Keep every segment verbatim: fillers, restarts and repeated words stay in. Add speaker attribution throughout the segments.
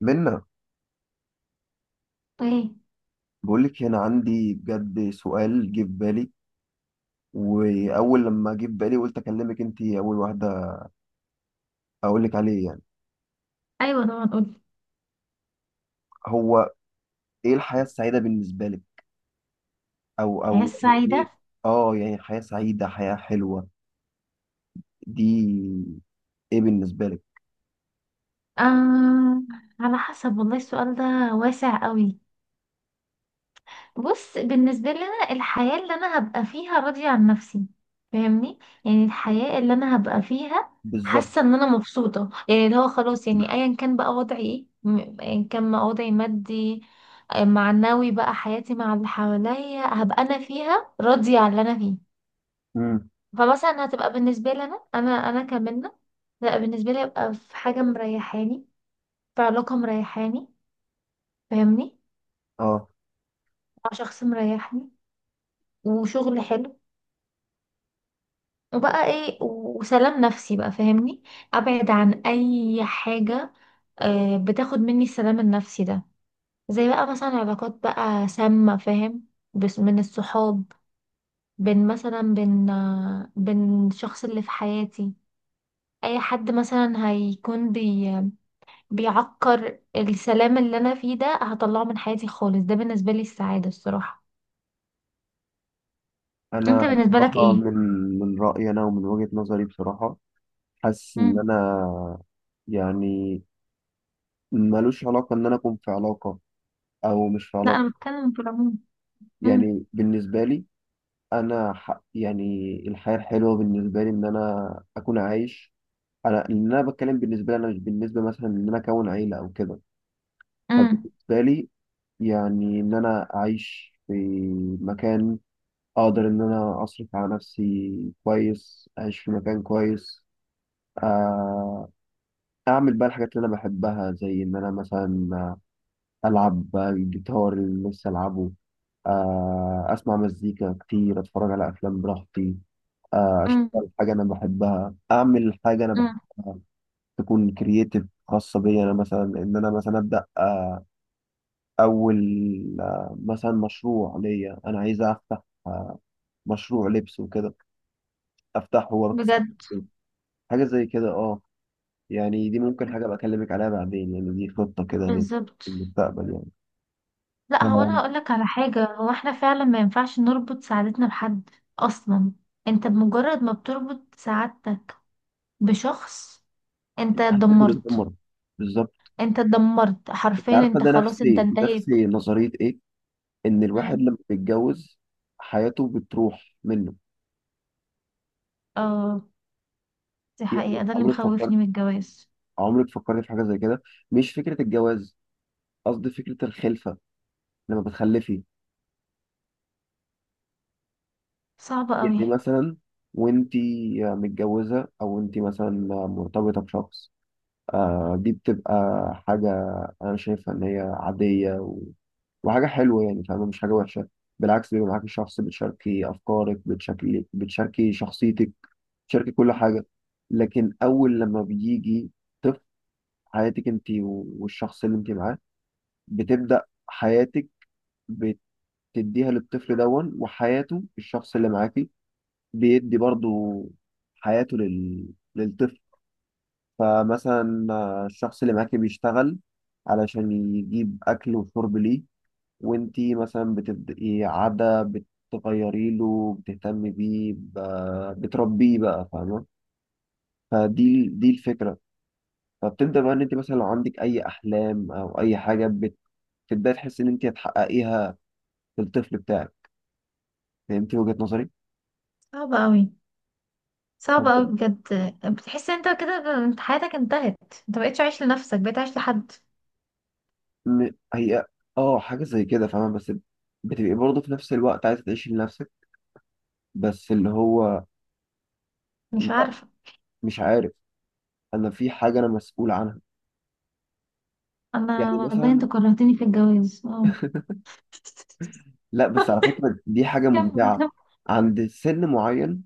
Speaker 1: منا،
Speaker 2: ايه.
Speaker 1: بقول لك هنا عندي بجد سؤال جه في بالي. واول لما جه في بالي قلت اكلمك انت اول واحده اقول لك عليه. يعني
Speaker 2: ايوه طبعا، قولي.
Speaker 1: هو ايه الحياه السعيده بالنسبه لك؟ او
Speaker 2: الحياة
Speaker 1: او يعني
Speaker 2: السعيدة؟
Speaker 1: ايه؟ اه يعني حياه سعيده، حياه حلوه دي، ايه بالنسبه لك؟
Speaker 2: آه، على حسب والله. السؤال ده واسع قوي. بص، بالنسبة لي انا الحياة اللي انا هبقى فيها راضية عن نفسي، فاهمني؟ يعني الحياة اللي انا هبقى فيها
Speaker 1: بالظبط.
Speaker 2: حاسة ان انا مبسوطة، يعني اللي هو خلاص يعني ايا كان بقى وضعي ايه، م- ايا كان ما وضعي مادي، آه، معنوي، بقى حياتي مع اللي حواليا هبقى انا فيها راضية عن اللي انا فيه.
Speaker 1: امم
Speaker 2: فمثلا هتبقى بالنسبة لي أنا أنا أنا كمنة. لا، بالنسبة لي هيبقى في حاجة مريحاني، في علاقة مريحاني، فاهمني؟
Speaker 1: اه
Speaker 2: مع شخص مريحني، وشغل حلو، وبقى ايه، وسلام نفسي بقى، فاهمني؟ أبعد عن أي حاجة آه، بتاخد مني السلام النفسي ده، زي بقى مثلا علاقات بقى سامة، فاهم؟ بس من الصحاب، بين مثلا بين آه، بين الشخص اللي في حياتي، اي حد مثلا هيكون بي بيعكر السلام اللي انا فيه ده هطلعه من حياتي خالص. ده بالنسبه لي السعاده، الصراحه. انت
Speaker 1: انا
Speaker 2: بالنسبه لك
Speaker 1: بصراحه
Speaker 2: ايه؟
Speaker 1: من من رايي انا ومن وجهه نظري، بصراحه حاسس ان
Speaker 2: مم.
Speaker 1: انا يعني ملوش علاقه ان انا اكون في علاقه او مش في
Speaker 2: لا
Speaker 1: علاقه.
Speaker 2: انا بتكلم في العموم. مم.
Speaker 1: يعني بالنسبه لي انا ح... يعني الحياه الحلوه بالنسبه لي ان انا اكون عايش. انا ان انا بتكلم بالنسبه لي انا، مش بالنسبه مثلا ان انا اكون عيله او كده.
Speaker 2: مم.
Speaker 1: فبالنسبه لي يعني ان انا اعيش في مكان، اقدر ان انا اصرف على نفسي كويس، اعيش في مكان كويس، آه، اعمل بقى الحاجات اللي انا بحبها، زي ان انا مثلا العب الجيتار اللي نفسي العبه، آه، اسمع مزيكا كتير، اتفرج على افلام براحتي، آه،
Speaker 2: مم.
Speaker 1: اشتغل حاجه انا بحبها، اعمل حاجه انا
Speaker 2: مم.
Speaker 1: بحبها، تكون كرييتيف خاصه بيا انا. مثلا ان انا مثلا ابدا، آه، اول، آه، مثلا مشروع ليا، انا عايز افتح آه، مشروع لبس وكده، افتحه واكسب
Speaker 2: بجد؟
Speaker 1: حاجه زي كده. اه يعني دي ممكن حاجه بكلمك عليها بعدين، يعني دي خطه كده لل-
Speaker 2: بالظبط.
Speaker 1: للمستقبل يعني.
Speaker 2: لا، هو انا
Speaker 1: ف-
Speaker 2: هقول لك على حاجه، هو احنا فعلا ما ينفعش نربط سعادتنا بحد اصلا. انت بمجرد ما بتربط سعادتك بشخص انت
Speaker 1: حاجات
Speaker 2: اتدمرت.
Speaker 1: بتتدمر، بالظبط.
Speaker 2: انت اتدمرت
Speaker 1: أنت
Speaker 2: حرفيا،
Speaker 1: عارفه
Speaker 2: انت
Speaker 1: ده
Speaker 2: خلاص، انت
Speaker 1: نفسي
Speaker 2: انتهيت.
Speaker 1: نفسي نظريه ايه؟ ان الواحد
Speaker 2: مم.
Speaker 1: لما بيتجوز حياته بتروح منه.
Speaker 2: اه، دي
Speaker 1: يعني
Speaker 2: حقيقه، ده اللي
Speaker 1: عمرك
Speaker 2: مخوفني
Speaker 1: فكرت،
Speaker 2: من الجواز.
Speaker 1: عمرك فكرت في حاجة زي كده؟ مش فكرة الجواز، قصدي فكرة الخلفة، لما بتخلفي.
Speaker 2: صعبة قوي.
Speaker 1: يعني مثلا وانتي متجوزة او انتي مثلا مرتبطة بشخص، آه دي بتبقى حاجة انا شايفها ان هي عادية و... وحاجة حلوة يعني، فاهمة؟ مش حاجة وحشة، بالعكس بيبقى معاكي شخص بتشاركي أفكارك، بتشاركي بتشاركي شخصيتك، بتشاركي كل حاجة. لكن أول لما بيجي طفل، حياتك أنت والشخص اللي أنت معاه، بتبدأ حياتك بتديها للطفل دون، وحياته الشخص اللي معاكي بيدي برضو حياته لل... للطفل. فمثلا آه، الشخص اللي معاكي بيشتغل علشان يجيب أكل وشرب ليه، وانتي مثلا بتبدأي عادة بتغيري له، بتهتمي بيه ب... بتربيه بقى، فاهمة؟ فدي دي الفكرة. فبتبدأ بقى إن أنت مثلا لو عندك أي أحلام أو أي حاجة، بتبدأي تحسي إن أنت هتحققيها في الطفل بتاعك. فهمتي وجهة نظري؟
Speaker 2: صعبة قوي. صعبة قوي بجد. بتحس انت كده انت حياتك انتهت، انت مبقتش عايش لنفسك، بقيت عايش لحد.
Speaker 1: م- هي اه حاجة زي كده، فاهمة؟ بس بتبقي برضه في نفس الوقت عايزة تعيشي لنفسك، بس اللي هو
Speaker 2: مش
Speaker 1: لا،
Speaker 2: عارفة.
Speaker 1: مش عارف. أنا في حاجة أنا مسؤول عنها.
Speaker 2: انا
Speaker 1: يعني
Speaker 2: والله انت
Speaker 1: مثلا،
Speaker 2: كرهتني في الجواز، اه.
Speaker 1: لا بس على فكرة دي حاجة
Speaker 2: كمل
Speaker 1: ممتعة.
Speaker 2: كمل.
Speaker 1: عند سن معين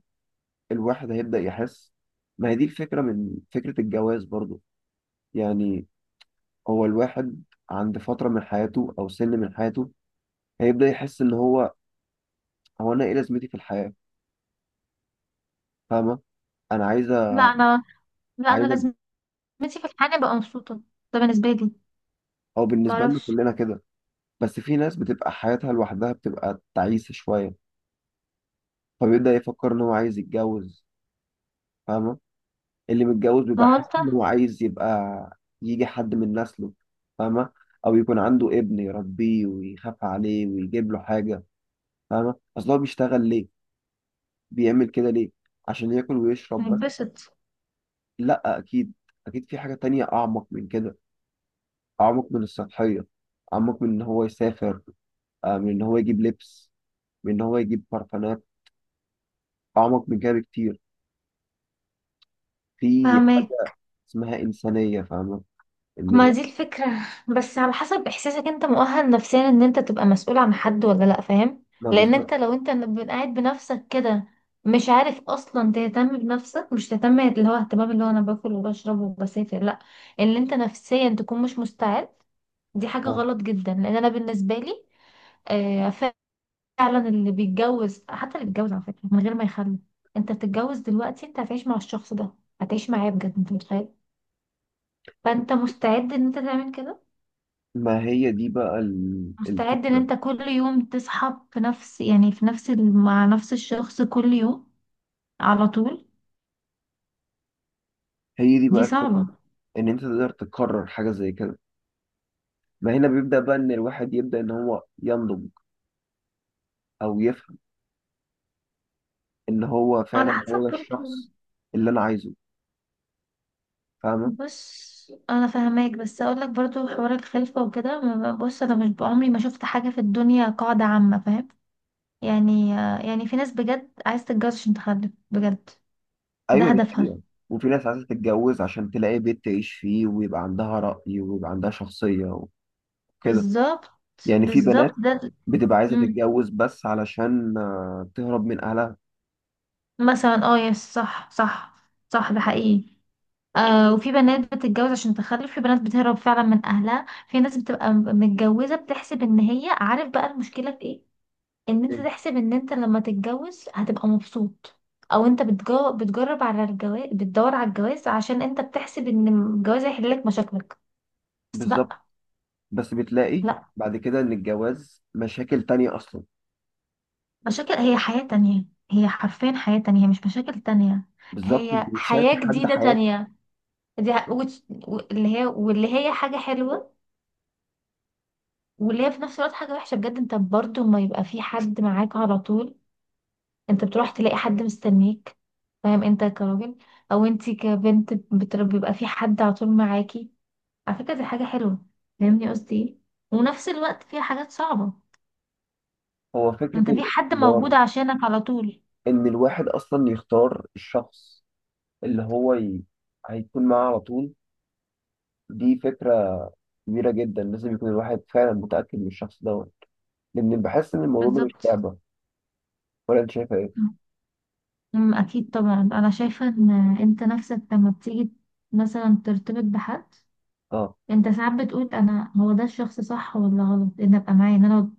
Speaker 1: الواحد هيبدأ يحس، ما هي دي الفكرة من فكرة الجواز برضه. يعني هو الواحد عند فترة من حياته أو سن من حياته، هيبدأ يحس إن هو، هو أنا إيه لازمتي في الحياة؟ فاهمة؟ أنا عايزة،
Speaker 2: لا انا، لا انا
Speaker 1: عايزة.
Speaker 2: لازمتي في الحياة ابقى مبسوطة. ده بالنسبة لي.
Speaker 1: هو بالنسبة لنا
Speaker 2: معرفش.
Speaker 1: كلنا كده، بس في ناس بتبقى حياتها لوحدها، بتبقى تعيسة شوية، فبيبدأ يفكر إن هو عايز يتجوز، فاهمة؟ اللي متجوز
Speaker 2: ما
Speaker 1: بيبقى
Speaker 2: هو
Speaker 1: حاسس
Speaker 2: انت
Speaker 1: إن هو عايز يبقى يجي حد من نسله، فاهمة؟ أو يكون عنده ابن يربيه ويخاف عليه ويجيب له حاجة. فاهمة؟ أصل هو بيشتغل ليه؟ بيعمل كده ليه؟ عشان ياكل ويشرب بس؟
Speaker 2: هتبسط؟
Speaker 1: لأ، أكيد أكيد في حاجة تانية أعمق من كده. أعمق من السطحية، أعمق من إن هو يسافر، آه، من إن هو يجيب لبس، من إن هو يجيب برفانات. اعمق من كده بكتير، في حاجه
Speaker 2: فاهمك.
Speaker 1: اسمها انسانيه، فاهمه؟ ان
Speaker 2: ما
Speaker 1: الواحد
Speaker 2: دي الفكرة. بس على حسب احساسك، انت مؤهل نفسيا ان انت تبقى مسؤول عن حد ولا لا، فاهم؟
Speaker 1: ما
Speaker 2: لان انت
Speaker 1: بالظبط.
Speaker 2: لو انت ب- قاعد بنفسك كده مش عارف اصلا تهتم بنفسك، مش تهتم اللي هو اهتمام اللي هو انا باكل وبشرب وبسافر، لا، اللي انت نفسيا تكون مش مستعد، دي حاجة
Speaker 1: آه.
Speaker 2: غلط جدا. لان انا بالنسبة لي، آه، فعلا اللي بيتجوز، حتى اللي بيتجوز على فكرة من غير ما يخلف، انت بتتجوز دلوقتي انت هتعيش مع الشخص ده، هتعيش معاه بجد، انت متخيل؟ فانت مستعد ان انت تعمل كده؟
Speaker 1: ما هي دي بقى ال-
Speaker 2: مستعد ان
Speaker 1: الفكره
Speaker 2: انت كل يوم تصحى في نفس، يعني في نفس ال- مع نفس الشخص كل يوم على طول؟
Speaker 1: هي دي
Speaker 2: دي
Speaker 1: بقى الفكره،
Speaker 2: صعبة.
Speaker 1: ان انت تقدر تكرر حاجه زي كده. ما هنا بيبدا بقى ان الواحد يبدا، ان هو ينضج او يفهم ان هو
Speaker 2: على
Speaker 1: فعلا
Speaker 2: حسب
Speaker 1: هو ده
Speaker 2: برضه.
Speaker 1: الشخص اللي انا عايزه، فاهمه؟
Speaker 2: بص انا فاهماك، بس اقول لك برضه حوار الخلفة وكده ما- بص، انا مش، بعمري ما شفت حاجة في الدنيا قاعدة عامة، فاهم؟ يعني، يعني في ناس بجد عايز تتجوز عشان تخلف بجد، ده
Speaker 1: ايوه دي
Speaker 2: هدفها.
Speaker 1: حقيقه. وفي ناس عايزه تتجوز عشان تلاقي بيت تعيش فيه، ويبقى عندها راي ويبقى عندها شخصيه وكده.
Speaker 2: بالظبط.
Speaker 1: يعني في
Speaker 2: بالظبط
Speaker 1: بنات
Speaker 2: ده.
Speaker 1: بتبقى عايزه
Speaker 2: مم.
Speaker 1: تتجوز بس علشان آه، تهرب من اهلها.
Speaker 2: مثلا اه، يس، صح صح. صح، ده حقيقي. آه، وفي بنات بتتجوز عشان تخلف، في بنات بتهرب فعلا من اهلها، في ناس بتبقى م- متجوزه بتحسب ان هي، عارف بقى المشكله في ايه؟ ان انت
Speaker 1: مم.
Speaker 2: تحسب ان انت لما تتجوز هتبقى مبسوط. او انت بتجو... بتجرب على الجواز، بتدور على الجواز عشان انت بتحسب ان الجواز هيحل لك مشاكلك. بس
Speaker 1: بالظبط.
Speaker 2: بقى.
Speaker 1: بس بتلاقي
Speaker 2: لا،
Speaker 1: بعد كده ان الجواز مشاكل تانية اصلا.
Speaker 2: مشاكل، هي حياه تانية. هي حرفيا حياه تانية، مش مشاكل تانية.
Speaker 1: بالظبط، انت
Speaker 2: هي
Speaker 1: بتشارك
Speaker 2: حياه
Speaker 1: حد
Speaker 2: جديده
Speaker 1: حياته.
Speaker 2: تانية. دي ح- وت- و- اللي هي واللي هي حاجه حلوه، واللي هي في نفس الوقت حاجة وحشة بجد. انت برضو ما يبقى في حد معاك على طول، انت بتروح تلاقي حد مستنيك، فاهم؟ انت كراجل، او انت كبنت بتر- بيبقى في حد على طول معاكي. على فكرة دي حاجة حلوة، فاهمني قصدي ايه؟ ونفس الوقت فيها حاجات صعبة.
Speaker 1: هو فكرة
Speaker 2: انت في حد موجود
Speaker 1: الاختيار،
Speaker 2: عشانك على طول.
Speaker 1: ان الواحد اصلا يختار الشخص اللي هو ي... هيكون معاه على طول، دي فكرة كبيرة جدا. لازم يكون الواحد فعلا متأكد من الشخص دوت، لان بحس ان الموضوع ده مش
Speaker 2: بالظبط.
Speaker 1: لعبة. ولا انت شايفة ايه؟
Speaker 2: أمم، اكيد طبعا، انا شايفة ان انت نفسك لما بتيجي مثلا ترتبط بحد،
Speaker 1: اه.
Speaker 2: انت ساعات بتقول انا هو ده الشخص، صح ولا غلط ان ابقى معاه، ان انا ب...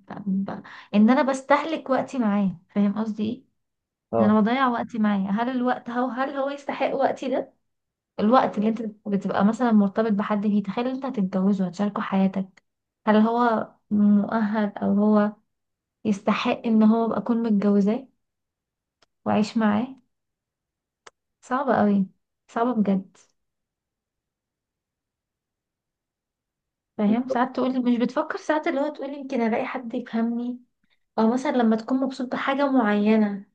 Speaker 2: ب... ان انا بستهلك وقتي معاه، فاهم قصدي ايه؟ ان
Speaker 1: اه،
Speaker 2: انا بضيع وقتي معاه، هل الوقت هو، هل هو يستحق وقتي ده؟ الوقت اللي انت بتبقى مثلا مرتبط بحد فيه، تخيل انت هتتجوزه، هتشاركه حياتك. هل هو مؤهل او هو يستحق ان هو ابقى اكون متجوزاه واعيش معاه؟ صعبة قوي. صعبة بجد. فاهم
Speaker 1: بالظبط.
Speaker 2: ساعات تقول، مش بتفكر ساعات اللي هو تقول يمكن الاقي حد يفهمني؟ او مثلا لما تكون مبسوط بحاجة معينة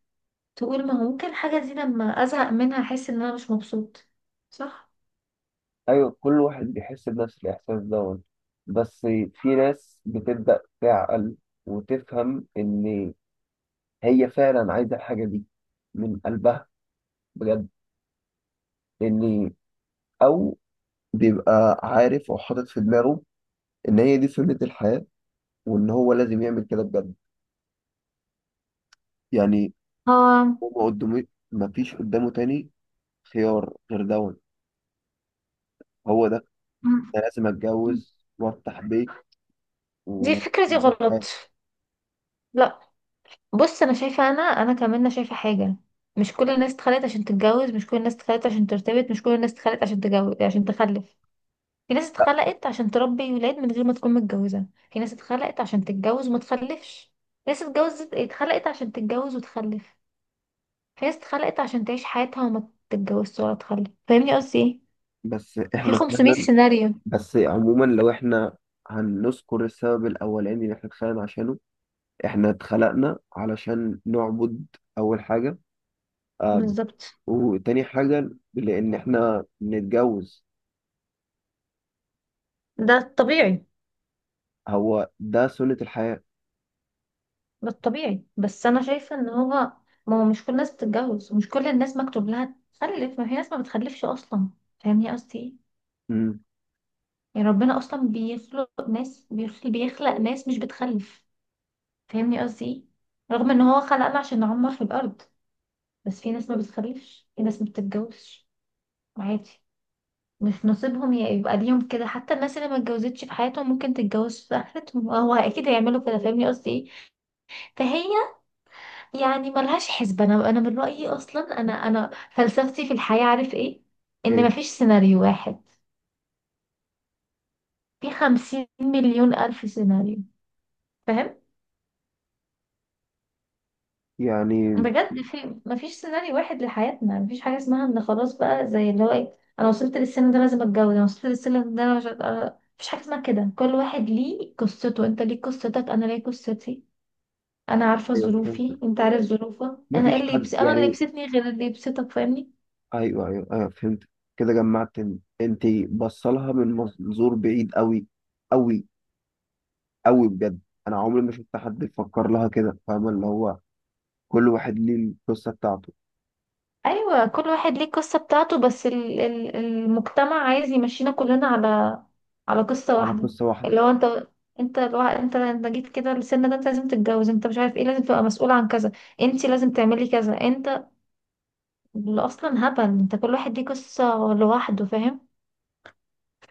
Speaker 2: تقول، ما هو ممكن الحاجة دي لما ازهق منها احس ان انا مش مبسوط؟ صح.
Speaker 1: ايوه كل واحد بيحس بنفس الاحساس دوت، بس في ناس بتبدأ تعقل وتفهم ان هي فعلا عايزه الحاجه دي من قلبها بجد. لان، او بيبقى عارف او حاطط في دماغه ان هي دي سنه الحياه، وان هو لازم يعمل كده بجد. يعني
Speaker 2: اه.
Speaker 1: هو ما قدامه، ما فيش قدامه تاني خيار غير دون. هو ده،
Speaker 2: مم.
Speaker 1: أنا لازم اتجوز وافتح بيت
Speaker 2: دي الفكرة دي
Speaker 1: ومعيش
Speaker 2: غلط.
Speaker 1: حياتي.
Speaker 2: لا، بص انا شايفة، انا انا كمان أنا شايفة حاجة، مش كل الناس اتخلقت عشان تتجوز، مش كل الناس اتخلقت عشان ترتبط، مش كل الناس اتخلقت عشان تجوز عشان تخلف. في ناس اتخلقت عشان تربي ولاد من غير ما تكون متجوزة، في ناس اتخلقت عشان تتجوز وما تخلفش، في ناس اتجوزت، اتخلقت عشان تتجوز وتخلف، في ناس اتخلقت عشان تعيش حياتها وما تتجوزش ولا تخلف. فاهمني قصدي ايه؟
Speaker 1: بس
Speaker 2: في
Speaker 1: احنا
Speaker 2: خمسمية
Speaker 1: فعلا،
Speaker 2: سيناريو.
Speaker 1: بس عموما لو احنا هنذكر السبب الاولاني اللي احنا اتخلقنا عشانه، احنا اتخلقنا علشان نعبد، اول حاجه، آه،
Speaker 2: بالظبط.
Speaker 1: وتاني حاجة لأن إحنا نتجوز.
Speaker 2: ده الطبيعي.
Speaker 1: هو ده سنة الحياة.
Speaker 2: ده الطبيعي، بس انا شايفه ان هو، ما هو مش كل الناس بتتجوز، ومش كل الناس مكتوب لها تخلف، ما في ناس ما بتخلفش اصلا، فاهمني قصدي ايه؟
Speaker 1: امم،
Speaker 2: يعني ربنا اصلا بيخلق ناس، بيخلق, بيخلق ناس مش بتخلف، فاهمني قصدي ايه؟ رغم ان هو خلقنا عشان نعمر في الارض، بس في ناس ما بتخلفش، في ناس ما بتتجوزش، عادي، مش نصيبهم. يا- يبقى ليهم كده. حتى الناس اللي ما اتجوزتش في حياتهم ممكن تتجوز في اخرتهم، آه، هو اكيد هيعملوا كده، فاهمني قصدي ايه؟ فهي يعني ملهاش حسبة. انا، انا من رأيي اصلا، انا انا فلسفتي في الحياة عارف ايه؟ ان
Speaker 1: إيه
Speaker 2: مفيش سيناريو واحد، في خمسين مليون الف سيناريو، فاهم؟
Speaker 1: يعني.
Speaker 2: بجد، في، مفيش سيناريو واحد لحياتنا. مفيش حاجة اسمها ان خلاص بقى زي اللي هو ايه، انا وصلت للسن ده لازم اتجوز، انا وصلت للسن ده انا مش هت- مفيش حاجة اسمها كده. كل واحد ليه قصته، انت ليك قصتك، انا ليا قصتي. انا عارفه
Speaker 1: أيوه
Speaker 2: ظروفي،
Speaker 1: فهمت،
Speaker 2: انت عارف ظروفك، انا ايه
Speaker 1: مفيش
Speaker 2: اللي
Speaker 1: حد
Speaker 2: يبس... انا اللي
Speaker 1: يعني.
Speaker 2: يبسطني غير اللي يبسطك، فاهمني؟
Speaker 1: أيوه أيوه أيوه فهمت. كده جمعت، إن- أنت بصلها من منظور بعيد أوي، أوي أوي بجد. أنا عمري ما شفت حد بيفكر لها كده، فاهمة؟ اللي هو كل واحد ليه القصة بتاعته.
Speaker 2: ايوه كل واحد ليه القصه بتاعته، بس ال... ال... المجتمع عايز يمشينا كلنا على على قصه
Speaker 1: على
Speaker 2: واحده.
Speaker 1: قصة واحدة،
Speaker 2: اللي هو انت، انت الوا... انت انت جيت كده السن ده انت لازم تتجوز، انت مش عارف ايه، لازم تبقى مسؤول عن كذا، انت لازم تعملي كذا، انت اللي اصلا هبل. انت كل واحد ليه قصه لوحده، فاهم؟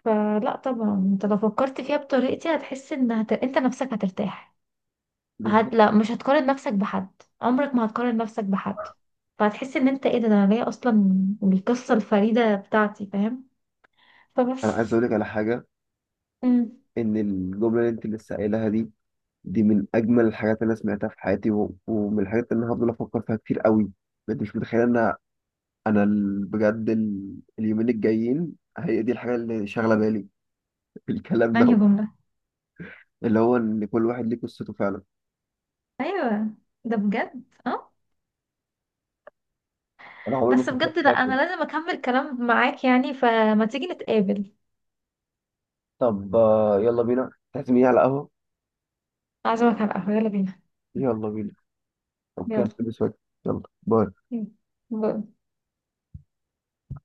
Speaker 2: فلا طبعا، انت لو فكرت فيها بطريقتي هتحس ان هت... انت نفسك هترتاح. هت
Speaker 1: بالظبط.
Speaker 2: لا مش هتقارن نفسك بحد، عمرك ما هتقارن نفسك بحد. فهتحس ان انت ايه ده، ده انا جايه اصلا القصه الفريده بتاعتي، فاهم؟
Speaker 1: أنا عايز
Speaker 2: فبس.
Speaker 1: أقول لك على حاجة،
Speaker 2: امم.
Speaker 1: إن الجملة اللي أنت لسه قايلها دي، دي من اجمل الحاجات اللي انا سمعتها في حياتي، و... ومن الحاجات اللي انا هفضل افكر فيها كتير قوي. بجد مش متخيل ان انا ال- بجد ال... اليومين الجايين هي دي الحاجه اللي شاغله بالي. في الكلام
Speaker 2: انهي
Speaker 1: ده،
Speaker 2: جمله؟
Speaker 1: اللي هو ان كل واحد ليه قصته فعلا.
Speaker 2: ايوه. ده بجد اه.
Speaker 1: انا عمري ما
Speaker 2: بس
Speaker 1: فكرت
Speaker 2: بجد، لا
Speaker 1: فيها
Speaker 2: انا
Speaker 1: كده.
Speaker 2: لازم اكمل كلام معاك يعني، فما تيجي نتقابل.
Speaker 1: طب آه، يلا بينا تعزميني على قهوه.
Speaker 2: اعزمك على القهوه، يلا بينا.
Speaker 1: يلا بينا. طب
Speaker 2: يلا.
Speaker 1: كده نلبس واجب. يلا باي.
Speaker 2: مم. باي.